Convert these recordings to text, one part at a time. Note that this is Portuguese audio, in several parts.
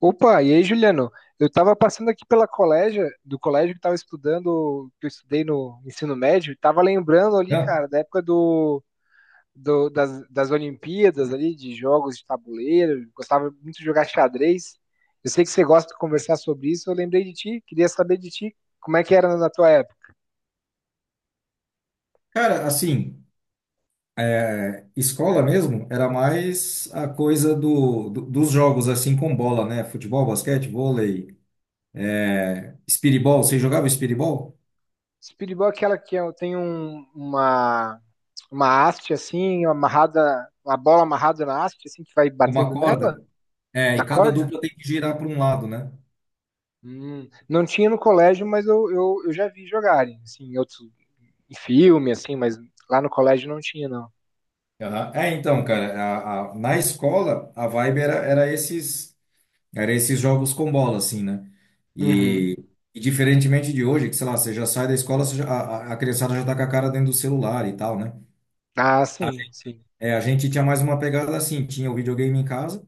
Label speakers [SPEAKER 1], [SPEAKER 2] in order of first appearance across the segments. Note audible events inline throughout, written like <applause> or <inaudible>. [SPEAKER 1] Opa, e aí, Juliano? Eu estava passando aqui pela colégio, do colégio que estava estudando, que eu estudei no ensino médio, e estava lembrando ali,
[SPEAKER 2] Não,
[SPEAKER 1] cara, da época das Olimpíadas ali, de jogos de tabuleiro, gostava muito de jogar xadrez. Eu sei que você gosta de conversar sobre isso, eu lembrei de ti, queria saber de ti, como é que era na tua época.
[SPEAKER 2] cara, assim, escola mesmo era mais a coisa dos jogos, assim, com bola, né? Futebol, basquete, vôlei, espiribol. Você jogava espiribol?
[SPEAKER 1] Speedball é aquela tem uma haste assim, amarrada, uma bola amarrada na haste, assim, que vai
[SPEAKER 2] Com uma
[SPEAKER 1] batendo nela,
[SPEAKER 2] corda? É,
[SPEAKER 1] na
[SPEAKER 2] e cada
[SPEAKER 1] corda?
[SPEAKER 2] dupla tem que girar para um lado, né?
[SPEAKER 1] Não tinha no colégio, mas eu já vi jogarem, assim, em outros, em filme, assim, mas lá no colégio não tinha, não.
[SPEAKER 2] Aham. É, então, cara, na escola, a vibe era esses jogos com bola, assim, né?
[SPEAKER 1] Uhum.
[SPEAKER 2] E, e diferentemente de hoje, que, sei lá, você já sai da escola, você já- a criançada já tá com a cara dentro do celular e tal, né?
[SPEAKER 1] Ah, sim, sim.
[SPEAKER 2] É, a gente tinha mais uma pegada assim, tinha o videogame em casa,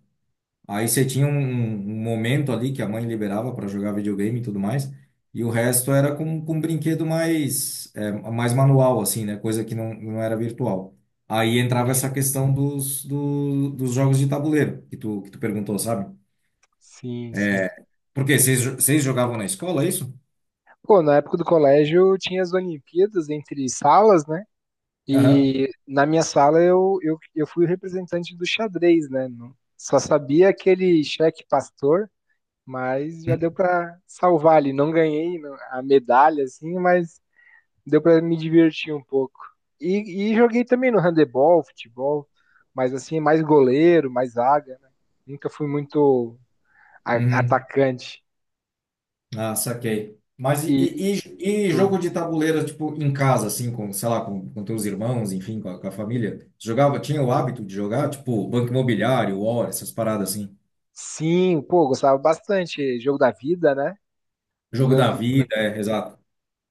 [SPEAKER 2] aí você tinha um momento ali que a mãe liberava para jogar videogame e tudo mais, e o resto era com um brinquedo mais, é, mais manual, assim, né? Coisa que não era virtual. Aí entrava
[SPEAKER 1] Uhum.
[SPEAKER 2] essa questão dos jogos de tabuleiro, que tu perguntou, sabe?
[SPEAKER 1] Sim, sim.
[SPEAKER 2] Porque vocês jogavam na escola, é isso?
[SPEAKER 1] Pô, na época do colégio tinha as Olimpíadas entre salas, né?
[SPEAKER 2] Aham.
[SPEAKER 1] E na minha sala eu fui o representante do xadrez, né? Não- Só sabia aquele xeque pastor, mas já deu pra salvar ali. Não ganhei não- a medalha, assim, mas deu para me divertir um pouco. E joguei também no handebol, futebol, mas assim, mais goleiro, mais zaga, né? Nunca fui muito
[SPEAKER 2] Uhum.
[SPEAKER 1] atacante.
[SPEAKER 2] Ah, saquei. Mas e,
[SPEAKER 1] E
[SPEAKER 2] e, e- e
[SPEAKER 1] tu-
[SPEAKER 2] jogo de tabuleiro, tipo, em casa, assim, com, sei lá, com teus irmãos, enfim, com a família? Jogava, tinha o hábito de jogar, tipo, Banco Imobiliário, War, essas paradas assim.
[SPEAKER 1] sim, pô, gostava bastante. Jogo da vida, né?
[SPEAKER 2] Jogo da
[SPEAKER 1] Banco-
[SPEAKER 2] vida,
[SPEAKER 1] banco-
[SPEAKER 2] é, exato.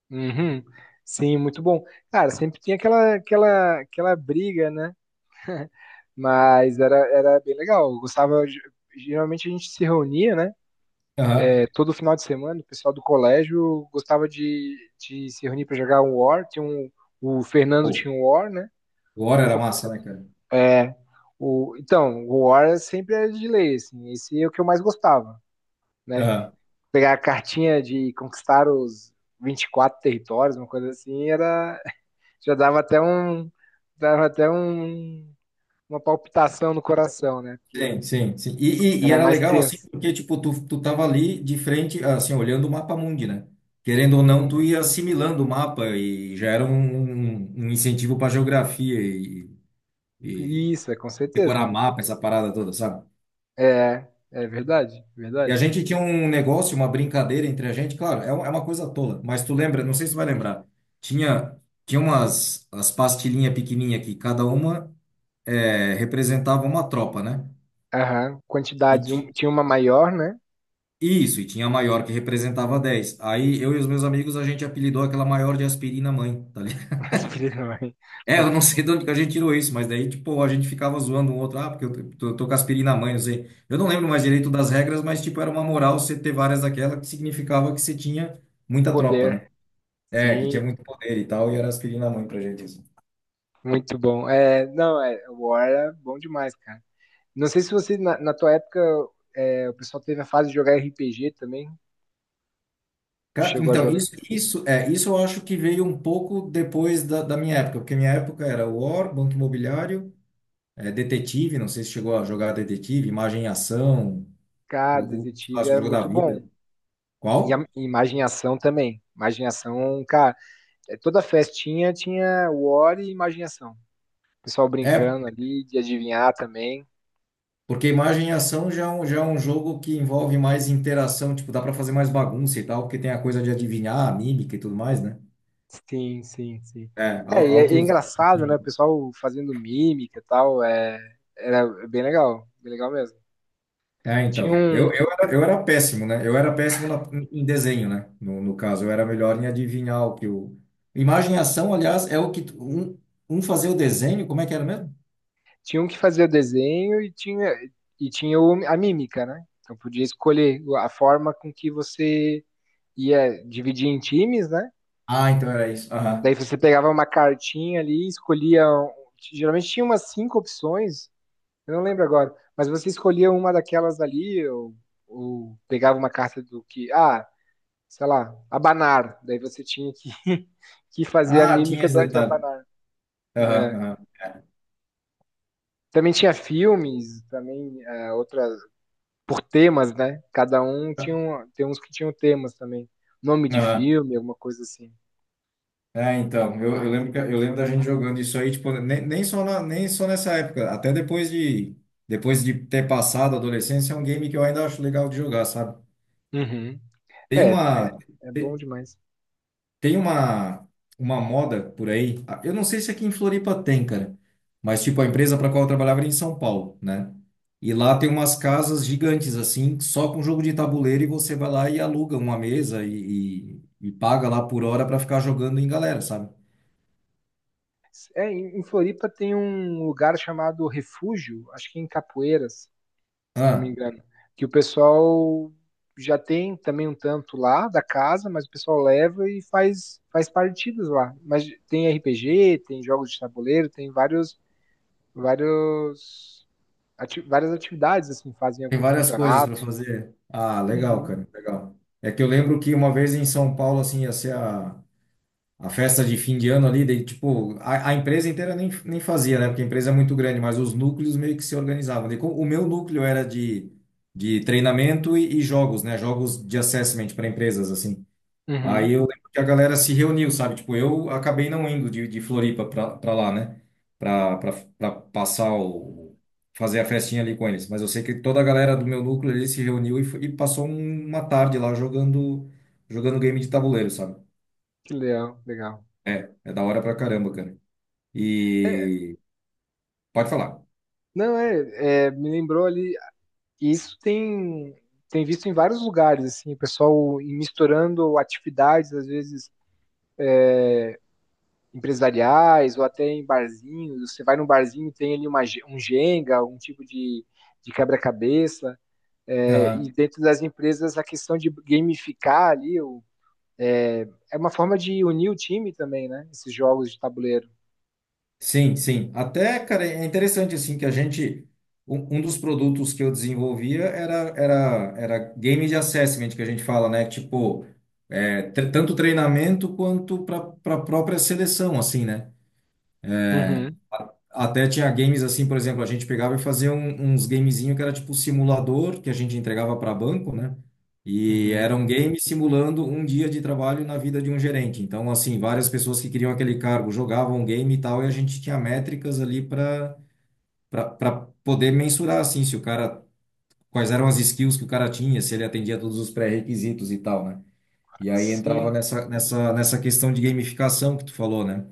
[SPEAKER 1] Uhum. Sim, muito bom. Cara, sempre tinha aquela briga, né? Mas era bem legal. Eu gostava. De- Geralmente a gente se reunia, né?
[SPEAKER 2] Aham.
[SPEAKER 1] É, todo final de semana o pessoal do colégio gostava de se reunir para jogar um War. Tinha um, o Fernando
[SPEAKER 2] Pô,
[SPEAKER 1] tinha um War, né?
[SPEAKER 2] o War
[SPEAKER 1] O,
[SPEAKER 2] era
[SPEAKER 1] Ro-
[SPEAKER 2] massa, né, cara?
[SPEAKER 1] é, o, então, o War sempre era de lei, assim, esse é o que eu mais gostava, né?
[SPEAKER 2] Aham.
[SPEAKER 1] Pegar a cartinha de conquistar os 24 territórios, uma coisa assim, era, <laughs> já dava até um, uma palpitação no coração, né?
[SPEAKER 2] Sim,
[SPEAKER 1] Porque
[SPEAKER 2] sim, sim. E
[SPEAKER 1] era
[SPEAKER 2] era
[SPEAKER 1] mais
[SPEAKER 2] legal, assim,
[SPEAKER 1] tenso.
[SPEAKER 2] porque, tipo, tu tava ali de frente, assim, olhando o mapa mundi, né? Querendo ou não, tu
[SPEAKER 1] Hum,
[SPEAKER 2] ia assimilando o mapa e já era um incentivo pra geografia e
[SPEAKER 1] isso, é com
[SPEAKER 2] decorar
[SPEAKER 1] certeza.
[SPEAKER 2] mapa, essa parada toda, sabe?
[SPEAKER 1] É, é verdade,
[SPEAKER 2] E a
[SPEAKER 1] verdade.
[SPEAKER 2] gente tinha um negócio, uma brincadeira entre a gente, claro, é, um- é uma coisa tola, mas tu lembra, não sei se tu vai lembrar, tinha, tinha umas as pastilhinhas pequenininhas que cada uma é, representava uma tropa, né?
[SPEAKER 1] Aham,
[SPEAKER 2] E
[SPEAKER 1] quantidade,
[SPEAKER 2] ti-
[SPEAKER 1] um- tinha uma maior, né?
[SPEAKER 2] isso, e tinha a maior que representava 10. Aí eu e os meus amigos, a gente apelidou aquela maior de aspirina mãe, tá.
[SPEAKER 1] <laughs> Mas filha da mãe,
[SPEAKER 2] É, eu não
[SPEAKER 1] muito bom.
[SPEAKER 2] sei de onde que a gente tirou isso, mas daí, tipo, a gente ficava zoando um outro, ah, porque eu tô com aspirina na mãe, não sei. Eu não lembro mais direito das regras, mas, tipo, era uma moral você ter várias daquela que significava que você tinha muita tropa, né?
[SPEAKER 1] Poder,
[SPEAKER 2] É, que
[SPEAKER 1] sim,
[SPEAKER 2] tinha muito poder e tal, e era aspirina na mãe pra gente isso.
[SPEAKER 1] muito bom. É, não, é, o War era bom demais, cara. Não sei se você, na, na tua época, é, o pessoal teve a fase de jogar RPG também,
[SPEAKER 2] Ca-
[SPEAKER 1] chegou a
[SPEAKER 2] Então,
[SPEAKER 1] jogar.
[SPEAKER 2] isso, isso, é, isso eu acho que veio um pouco depois da minha época, porque minha época era War, Banco Imobiliário, é, Detetive, não sei se chegou a jogar Detetive, Imagem e Ação,
[SPEAKER 1] Cara,
[SPEAKER 2] o
[SPEAKER 1] Detetive
[SPEAKER 2] clássico
[SPEAKER 1] era
[SPEAKER 2] jogo da
[SPEAKER 1] muito bom.
[SPEAKER 2] vida.
[SPEAKER 1] E a
[SPEAKER 2] Qual?
[SPEAKER 1] e Imagem e Ação também. Imagem e Ação, cara, é, toda festinha tinha War e Imagem e Ação. O pessoal
[SPEAKER 2] É.
[SPEAKER 1] brincando ali, de adivinhar também.
[SPEAKER 2] Porque imagem e ação já é um jogo que envolve mais interação, tipo, dá pra fazer mais bagunça e tal, porque tem a coisa de adivinhar, a mímica e tudo mais, né?
[SPEAKER 1] Sim, sim, sim.
[SPEAKER 2] É,
[SPEAKER 1] É,
[SPEAKER 2] al-
[SPEAKER 1] é
[SPEAKER 2] altos, altos
[SPEAKER 1] engraçado, né? O
[SPEAKER 2] jogos.
[SPEAKER 1] pessoal fazendo mímica e tal, é, era bem legal mesmo.
[SPEAKER 2] É,
[SPEAKER 1] Tinha
[SPEAKER 2] então. Eu,
[SPEAKER 1] um,
[SPEAKER 2] eu, era, eu era péssimo, né? Eu era péssimo em desenho, né? No caso, eu era melhor em adivinhar o que o. Imagem e ação, aliás, é o que. Tu- Um fazia o desenho, como é que era mesmo?
[SPEAKER 1] tinha um que fazia desenho e tinha a mímica, né? Então podia escolher a forma com que você ia dividir em times, né?
[SPEAKER 2] Ah, então era isso.
[SPEAKER 1] Daí
[SPEAKER 2] Aham.
[SPEAKER 1] você pegava uma cartinha ali, escolhia. Um, Geralmente tinha umas cinco opções, eu não lembro agora, mas você escolhia uma daquelas ali, ou pegava uma carta do que. Ah, sei lá, abanar. Daí você tinha que, <laughs> que fazer a
[SPEAKER 2] Ah, tinha
[SPEAKER 1] mímica
[SPEAKER 2] esse
[SPEAKER 1] do, de
[SPEAKER 2] detalhe.
[SPEAKER 1] abanar. Né?
[SPEAKER 2] Aham,
[SPEAKER 1] Também tinha filmes, também é, outras, por temas, né? Cada um tinha,
[SPEAKER 2] aham.
[SPEAKER 1] tem uns que tinham temas também. Nome de
[SPEAKER 2] Aham.
[SPEAKER 1] filme, alguma coisa assim.
[SPEAKER 2] É, então, eu lembro da gente jogando isso aí, tipo, nem só nessa época, até depois de ter passado a adolescência, é um game que eu ainda acho legal de jogar, sabe?
[SPEAKER 1] Uhum.
[SPEAKER 2] Tem
[SPEAKER 1] É, é,
[SPEAKER 2] uma
[SPEAKER 1] é bom
[SPEAKER 2] te-
[SPEAKER 1] demais.
[SPEAKER 2] tem uma uma moda por aí. Ah, Eu não sei se aqui em Floripa tem, cara, mas tipo a empresa para qual eu trabalhava era em São Paulo, né? E lá tem umas casas gigantes assim, só com jogo de tabuleiro e você vai lá e aluga uma mesa e paga lá por hora para ficar jogando em galera, sabe?
[SPEAKER 1] É, em Floripa tem um lugar chamado Refúgio, acho que é em Capoeiras, se não me
[SPEAKER 2] Ah,
[SPEAKER 1] engano. Que o pessoal já tem também um tanto lá da casa, mas o pessoal leva e faz partidas lá. Mas tem RPG, tem jogos de tabuleiro, tem vários, vários, várias atividades, assim, fazem
[SPEAKER 2] tem
[SPEAKER 1] algum
[SPEAKER 2] várias coisas
[SPEAKER 1] campeonato.
[SPEAKER 2] para fazer. Ah, legal,
[SPEAKER 1] Uhum.
[SPEAKER 2] cara, legal. É que eu lembro que uma vez em São Paulo, assim, ia ser a festa de fim de ano ali, daí, tipo, a empresa inteira nem fazia, né? Porque a empresa é muito grande, mas os núcleos meio que se organizavam. Daí, co- o meu núcleo era de treinamento e jogos, né? Jogos de assessment para empresas, assim. Aí
[SPEAKER 1] Uhum.
[SPEAKER 2] eu lembro que a galera se reuniu, sabe? Tipo, eu acabei não indo de Floripa pra lá, né? Pra, pra, pra passar o... fazer a festinha ali com eles. Mas eu sei que toda a galera do meu núcleo ali se reuniu e passou um- uma tarde lá jogando, jogando game de tabuleiro, sabe?
[SPEAKER 1] Que legal, legal.
[SPEAKER 2] É da hora pra caramba, cara.
[SPEAKER 1] É,
[SPEAKER 2] E... Pode falar.
[SPEAKER 1] não, me lembrou ali, isso tem, tem visto em vários lugares, assim, o pessoal misturando atividades, às vezes empresariais ou até em barzinhos. Você vai num barzinho, tem ali uma, um Jenga, um tipo de quebra-cabeça. É, e dentro das empresas, a questão de gamificar ali é, é uma forma de unir o time também, né? Esses jogos de tabuleiro.
[SPEAKER 2] Sim, sim. Até, cara, é interessante assim que a gente um, um dos produtos que eu desenvolvia era game de assessment que a gente fala, né? Tipo, é, tre- tanto treinamento quanto para própria seleção, assim, né?
[SPEAKER 1] Uhum,
[SPEAKER 2] Até tinha games assim, por exemplo, a gente pegava e fazia um- uns gamezinho que era tipo simulador que a gente entregava para banco, né? E era
[SPEAKER 1] uhum.
[SPEAKER 2] um game simulando um dia de trabalho na vida de um gerente. Então, assim, várias pessoas que queriam aquele cargo jogavam um game e tal, e a gente tinha métricas ali para poder mensurar assim se o cara quais eram as skills que o cara tinha, se ele atendia todos os pré-requisitos e tal, né? E aí entrava
[SPEAKER 1] Sim,
[SPEAKER 2] nessa questão de gamificação que tu falou, né?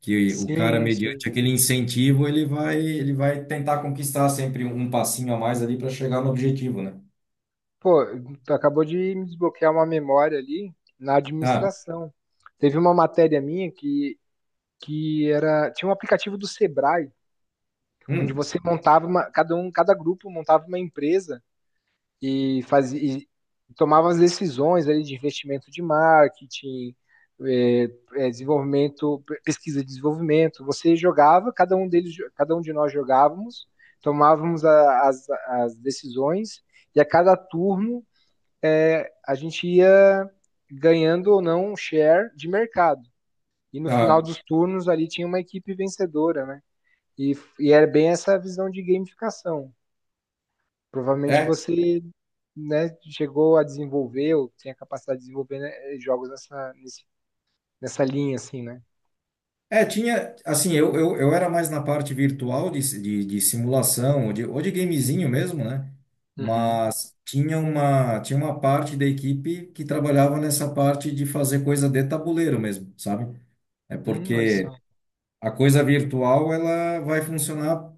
[SPEAKER 2] Que o cara
[SPEAKER 1] sim,
[SPEAKER 2] mediante
[SPEAKER 1] sim.
[SPEAKER 2] aquele incentivo, ele vai tentar conquistar sempre um passinho a mais ali para chegar no objetivo, né?
[SPEAKER 1] Pô, tu acabou de me desbloquear uma memória ali na
[SPEAKER 2] Ah,
[SPEAKER 1] administração. Teve uma matéria minha que era, tinha um aplicativo do Sebrae onde
[SPEAKER 2] hum,
[SPEAKER 1] você montava uma, cada um, cada grupo montava uma empresa e fazia e tomava as decisões ali de investimento de marketing, é, é, desenvolvimento, pesquisa e desenvolvimento. Você jogava, cada um deles, cada um de nós jogávamos, tomávamos a, as decisões e a cada turno é, a gente ia ganhando ou não um share de mercado. E no final
[SPEAKER 2] ah,
[SPEAKER 1] dos turnos ali tinha uma equipe vencedora, né? E, e é bem essa visão de gamificação. Provavelmente
[SPEAKER 2] é.
[SPEAKER 1] você né, chegou a desenvolver, ou tem a capacidade de desenvolver né, jogos nessa, nesse- nessa linha, assim, né?
[SPEAKER 2] É, tinha, assim, eu era mais na parte virtual de simulação, ou de gamezinho mesmo, né?
[SPEAKER 1] Uhum.
[SPEAKER 2] Tinha uma, tinha uma parte da equipe que trabalhava nessa parte de fazer coisa de tabuleiro mesmo, sabe? É
[SPEAKER 1] Olha
[SPEAKER 2] porque
[SPEAKER 1] só.
[SPEAKER 2] a coisa virtual ela vai funcionar,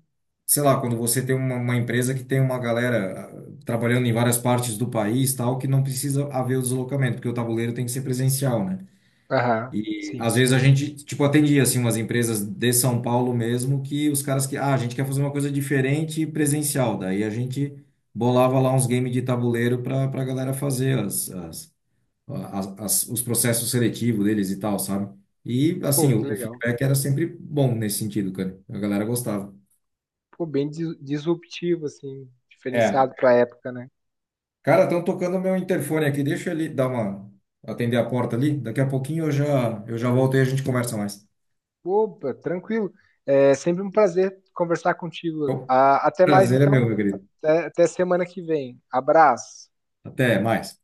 [SPEAKER 2] sei lá, quando você tem uma empresa que tem uma galera ah, trabalhando em várias partes do país, tal, que não precisa haver o deslocamento, porque o tabuleiro tem que ser presencial, né?
[SPEAKER 1] Aham,
[SPEAKER 2] E
[SPEAKER 1] sim,
[SPEAKER 2] às vezes
[SPEAKER 1] sim.
[SPEAKER 2] a gente, tipo, atendia assim umas empresas de São Paulo mesmo que os caras que, ah, a gente quer fazer uma coisa diferente e presencial. Daí a gente bolava lá uns games de tabuleiro para para galera fazer as, as, as, as- os processos seletivos deles e tal, sabe? E assim,
[SPEAKER 1] Pô, que
[SPEAKER 2] o
[SPEAKER 1] legal.
[SPEAKER 2] feedback era sempre bom nesse sentido, cara. A galera gostava.
[SPEAKER 1] Pô, bem dis- disruptivo, assim,
[SPEAKER 2] É.
[SPEAKER 1] diferenciado pra época, né?
[SPEAKER 2] Cara, estão tocando meu interfone aqui. Deixa ele dar uma atender a porta ali. Daqui a pouquinho eu já volto e a gente conversa mais.
[SPEAKER 1] Opa, tranquilo. É sempre um prazer conversar contigo.
[SPEAKER 2] Bom,
[SPEAKER 1] Ah, até mais,
[SPEAKER 2] prazer é meu,
[SPEAKER 1] então.
[SPEAKER 2] meu querido.
[SPEAKER 1] Até, até semana que vem. Abraço.
[SPEAKER 2] Até mais.